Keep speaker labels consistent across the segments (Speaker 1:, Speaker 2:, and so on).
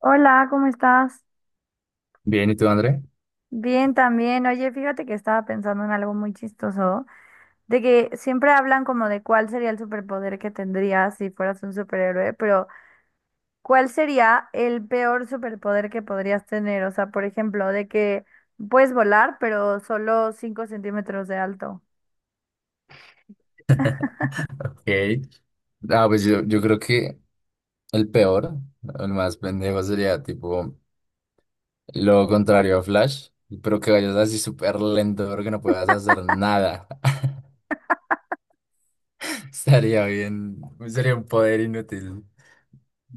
Speaker 1: Hola, ¿cómo estás?
Speaker 2: Bien, ¿y tú, André?
Speaker 1: Bien también. Oye, fíjate que estaba pensando en algo muy chistoso, de que siempre hablan como de cuál sería el superpoder que tendrías si fueras un superhéroe, pero ¿cuál sería el peor superpoder que podrías tener? O sea, por ejemplo, de que puedes volar, pero solo 5 cm de alto.
Speaker 2: Ok. Ah, pues yo creo que el peor, el más pendejo sería tipo lo contrario a Flash, pero que vayas así súper lento, pero que no puedas hacer nada. Estaría bien, sería un poder inútil.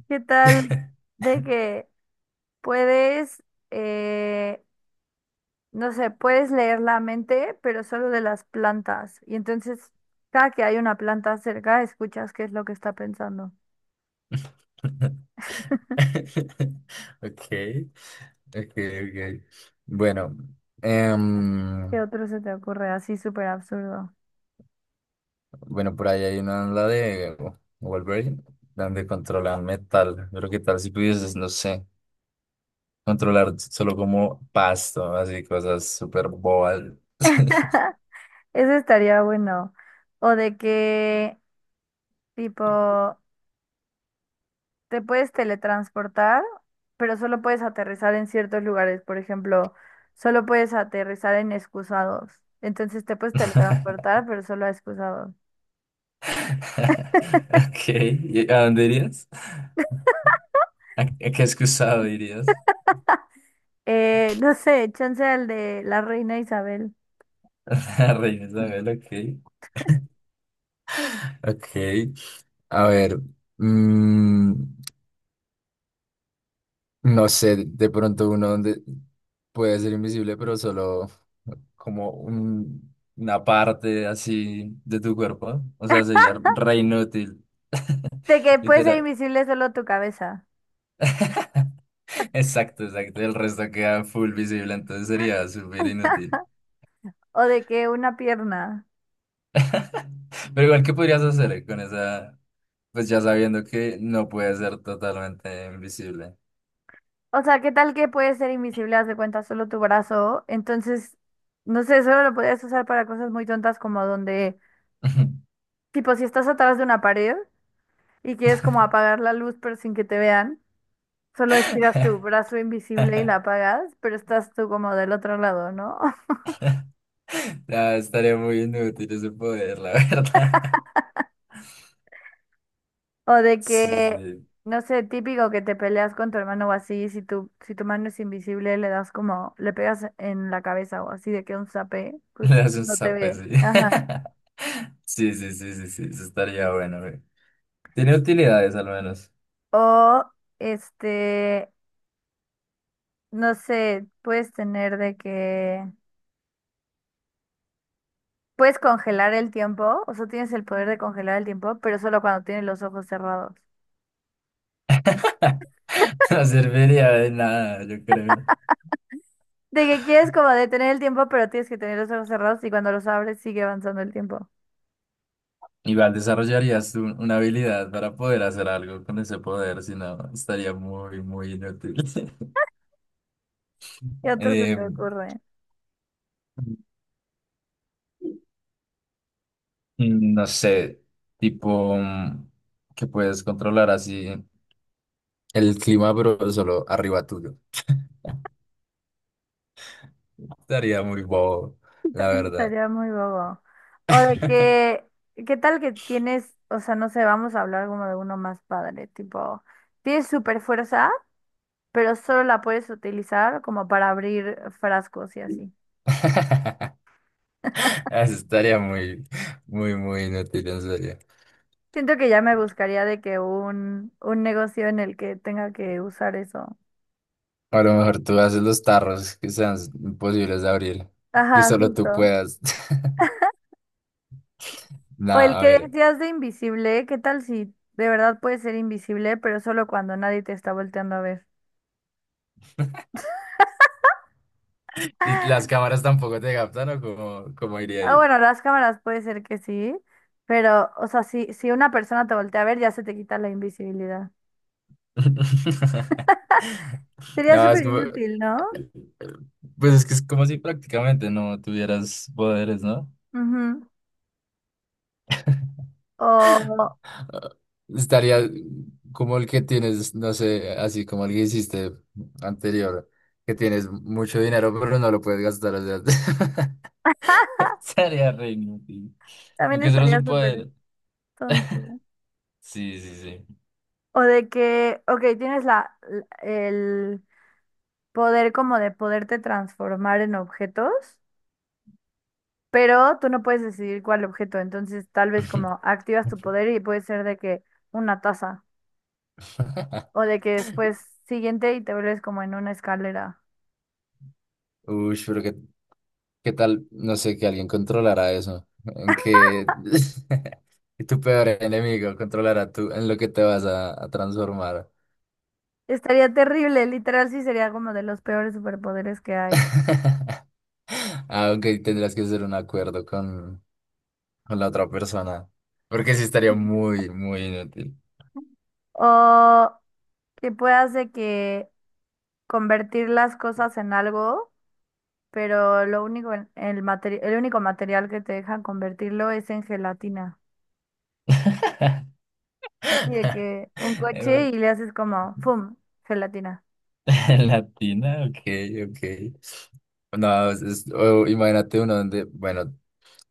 Speaker 1: ¿Qué tal de que puedes, eh, no sé, puedes leer la mente, pero solo de las plantas. Y entonces, cada que hay una planta cerca, escuchas qué es lo que está pensando.
Speaker 2: Ok, ok, ok. Bueno, em,
Speaker 1: ¿Qué otro se te ocurre? Así súper absurdo.
Speaker 2: bueno, por ahí hay una la de Wolverine, donde controlan metal. Pero qué tal si pudieses, no sé, controlar solo como pasto, así cosas súper bobas.
Speaker 1: Eso estaría bueno. O de que, tipo, te puedes teletransportar, pero solo puedes aterrizar en ciertos lugares. Por ejemplo, solo puedes aterrizar en excusados. Entonces te puedes teletransportar, pero solo a excusados.
Speaker 2: Ok, ¿y a dónde irías? ¿A qué excusado irías?
Speaker 1: No sé, chance al de la reina Isabel.
Speaker 2: A Reina Isabel, ok. Ok, a ver, mm, no sé, de pronto uno donde puede ser invisible, pero solo como una parte así de tu cuerpo. O sea, sería re inútil.
Speaker 1: De que puede ser
Speaker 2: Literal.
Speaker 1: invisible solo tu cabeza.
Speaker 2: Exacto, exacto. El resto queda full visible, entonces sería súper inútil.
Speaker 1: O de que una pierna.
Speaker 2: Pero igual, ¿qué podrías hacer con esa? Pues ya sabiendo que no puede ser totalmente invisible.
Speaker 1: O sea, ¿qué tal que puede ser invisible, haz de cuenta, solo tu brazo? Entonces, no sé, solo lo podrías usar para cosas muy tontas como donde, tipo, si estás atrás de una pared y quieres como apagar la luz pero sin que te vean, solo estiras tu brazo invisible y la apagas, pero estás tú como del otro lado, ¿no?
Speaker 2: No, estaría muy inútil ese poder, la verdad.
Speaker 1: O de
Speaker 2: Sí,
Speaker 1: que,
Speaker 2: sí.
Speaker 1: no sé, típico que te peleas con tu hermano o así, si tu mano es invisible, le das como, le pegas en la cabeza o así, de que un zape,
Speaker 2: Le
Speaker 1: pues
Speaker 2: hace un
Speaker 1: no te
Speaker 2: zape,
Speaker 1: ve.
Speaker 2: sí.
Speaker 1: Ajá.
Speaker 2: Sí, sí, sí, sí, sí, eso estaría bueno, güey. Tiene utilidades al menos.
Speaker 1: O, este, no sé, puedes tener de que, puedes congelar el tiempo, o sea, tienes el poder de congelar el tiempo, pero solo cuando tienes los ojos cerrados.
Speaker 2: No serviría de nada, yo creo.
Speaker 1: De que quieres como detener el tiempo, pero tienes que tener los ojos cerrados y cuando los abres sigue avanzando el tiempo.
Speaker 2: Igual desarrollarías tú una habilidad para poder hacer algo con ese poder, si no, estaría muy, muy inútil.
Speaker 1: ¿Qué otro se
Speaker 2: Eh,
Speaker 1: te ocurre?
Speaker 2: no sé, tipo mm, que puedes controlar así el clima, pero solo arriba tuyo. Estaría muy bobo,
Speaker 1: Sí,
Speaker 2: la
Speaker 1: también
Speaker 2: verdad.
Speaker 1: estaría muy bobo. O de que, ¿qué tal que tienes, o sea, no sé, vamos a hablar como de uno más padre, tipo, tienes super fuerza, pero solo la puedes utilizar como para abrir frascos y así.
Speaker 2: Eso estaría muy, muy, muy inútil, en serio.
Speaker 1: Siento que ya me buscaría de que un negocio en el que tenga que usar eso.
Speaker 2: O a lo mejor tú haces los tarros que sean imposibles de abrir, que
Speaker 1: Ajá,
Speaker 2: solo tú
Speaker 1: justo.
Speaker 2: puedas. No,
Speaker 1: O el
Speaker 2: a
Speaker 1: que
Speaker 2: ver.
Speaker 1: decías de invisible, ¿qué tal si de verdad puedes ser invisible, pero solo cuando nadie te está volteando a ver?
Speaker 2: ¿Y las cámaras tampoco te captan o cómo, cómo iría
Speaker 1: Ah,
Speaker 2: ahí?
Speaker 1: bueno, las cámaras puede ser que sí, pero, o sea, si una persona te voltea a ver, ya se te quita la invisibilidad. Sería
Speaker 2: No, es
Speaker 1: súper
Speaker 2: como...
Speaker 1: inútil, ¿no?
Speaker 2: pues es que es como si prácticamente no tuvieras poderes, no.
Speaker 1: Ujú. O
Speaker 2: Estaría como el que tienes, no sé, así como el que hiciste anterior, que tienes mucho dinero, pero no lo puedes gastar. O sea, estaría re inútil.
Speaker 1: también
Speaker 2: Aunque eso no es
Speaker 1: estaría
Speaker 2: un
Speaker 1: súper
Speaker 2: poder.
Speaker 1: tonto.
Speaker 2: Sí, sí, sí.
Speaker 1: O de que, ok, tienes el poder como de poderte transformar en objetos, pero tú no puedes decidir cuál objeto. Entonces, tal vez como activas tu poder y puede ser de que una taza, o de que después siguiente y te vuelves como en una escalera.
Speaker 2: Uy, pero qué, qué tal, no sé, que alguien controlara eso. En que tu peor enemigo controlara tú en lo que te vas a transformar.
Speaker 1: Estaría terrible, literal, sí sería como de los peores superpoderes que hay.
Speaker 2: Ah, ok, tendrás que hacer un acuerdo con la otra persona. Porque sí estaría
Speaker 1: Ujú.
Speaker 2: muy, muy inútil.
Speaker 1: O que puedas de que convertir las cosas en algo, pero lo único en- el materi- el único material que te dejan convertirlo es en gelatina. Así de que un coche
Speaker 2: En-
Speaker 1: y le haces como, ¡fum! Gelatina.
Speaker 2: latina, ok, ok. No, es- o imagínate uno donde, bueno,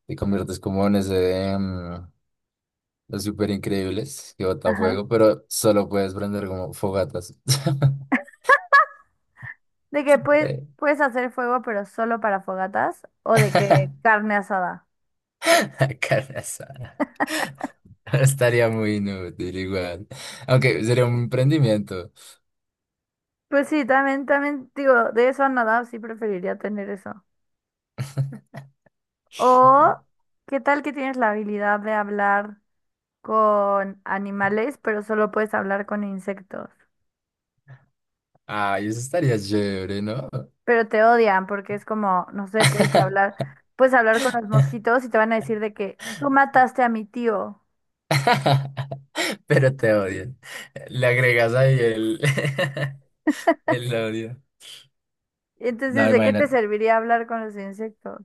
Speaker 2: te conviertes como en ese de mm, los super increíbles que bota
Speaker 1: Ajá.
Speaker 2: fuego, pero solo puedes prender como fogatas.
Speaker 1: De que puedes, puedes hacer fuego, pero solo para fogatas, o de que carne asada.
Speaker 2: Carne asada. Estaría muy inútil igual. Aunque sería un emprendimiento.
Speaker 1: Pues sí, también digo, de eso a nada, sí preferiría tener eso. O, ¿qué tal que tienes la habilidad de hablar con animales, pero solo puedes hablar con insectos?
Speaker 2: Ay, eso estaría chévere, ¿no?
Speaker 1: Pero te odian porque es como, no sé, puedes hablar con los mosquitos y te van a decir de que tú mataste a mi tío.
Speaker 2: Pero te odian. Le agregas ahí el, el odio.
Speaker 1: Entonces,
Speaker 2: No,
Speaker 1: ¿de qué te
Speaker 2: imagínate.
Speaker 1: serviría hablar con los insectos?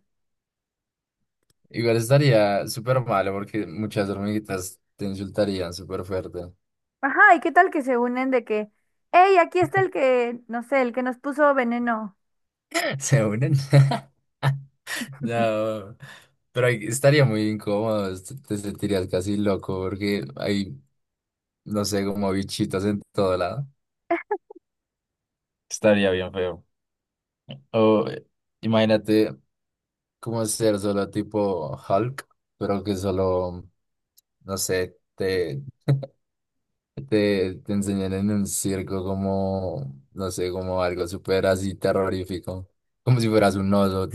Speaker 2: Igual estaría súper malo porque muchas hormiguitas te insultarían súper fuerte.
Speaker 1: Ajá, ¿y qué tal que se unen de que, hey, aquí está el que, no sé, el que nos puso veneno?
Speaker 2: ¿Se unen? No, pero ahí estaría muy incómodo, est- te sentirías casi loco porque hay, no sé, como bichitos en todo lado. Estaría bien feo. O imagínate como ser solo tipo Hulk, pero que solo, no sé, te enseñan en un circo como, no sé, como algo súper así terrorífico, como si fueras un oso.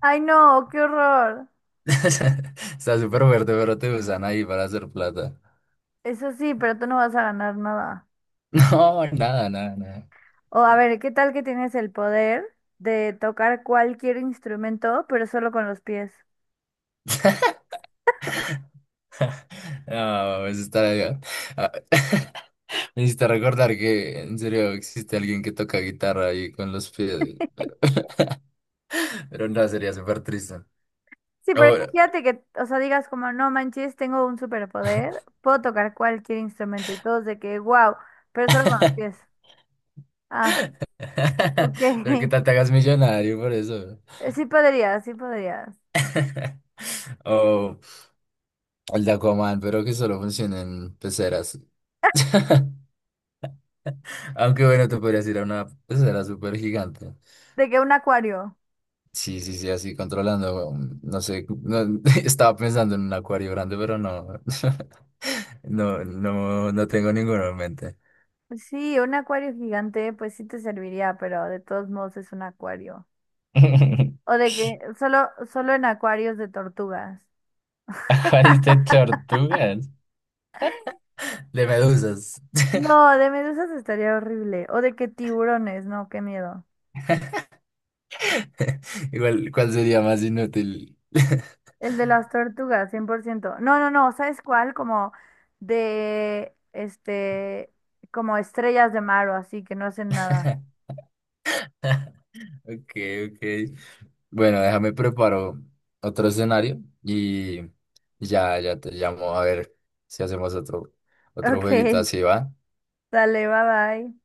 Speaker 1: Ay, no, qué horror.
Speaker 2: Está súper fuerte, pero te usan ahí para hacer plata.
Speaker 1: Eso sí, pero tú no vas a ganar nada.
Speaker 2: No, nada, nada, nada.
Speaker 1: O a ver, ¿qué tal que tienes el poder de tocar cualquier instrumento, pero solo con los pies?
Speaker 2: No, pues está... ah, me hiciste recordar que en serio existe alguien que toca guitarra ahí con los pies, güey, pero, pero no, sería súper triste.
Speaker 1: Sí, pero
Speaker 2: Ahora-
Speaker 1: imagínate que, o sea, digas como, no manches, tengo un superpoder, puedo tocar cualquier instrumento y todos de que, wow, pero solo con los pies. Ah, ok.
Speaker 2: pero que tal te hagas millonario por eso.
Speaker 1: Sí podrías, sí podrías.
Speaker 2: O el de Aquaman, pero que solo funciona en peceras. Aunque bueno, te podrías ir a una pecera súper gigante.
Speaker 1: De que un acuario.
Speaker 2: Sí, sí, sí, así controlando, no sé, no- estaba pensando en un acuario grande, pero no, no, no, no tengo ninguno en mente.
Speaker 1: Sí, un acuario gigante, pues sí te serviría, pero de todos modos es un acuario. O de que solo en acuarios de tortugas.
Speaker 2: Acuarios de tortugas. De medusas.
Speaker 1: No, de medusas estaría horrible. O de que tiburones, no, qué miedo.
Speaker 2: Igual, ¿cuál sería más inútil?
Speaker 1: El de las tortugas, 100%. No, no, no, ¿sabes cuál? Como de, como estrellas de mar o así, que no hacen nada.
Speaker 2: Ok, ok. Bueno, déjame preparo otro escenario y ya, ya te llamo a ver si hacemos otro, otro
Speaker 1: Ok,
Speaker 2: jueguito así, ¿va?
Speaker 1: dale, bye bye.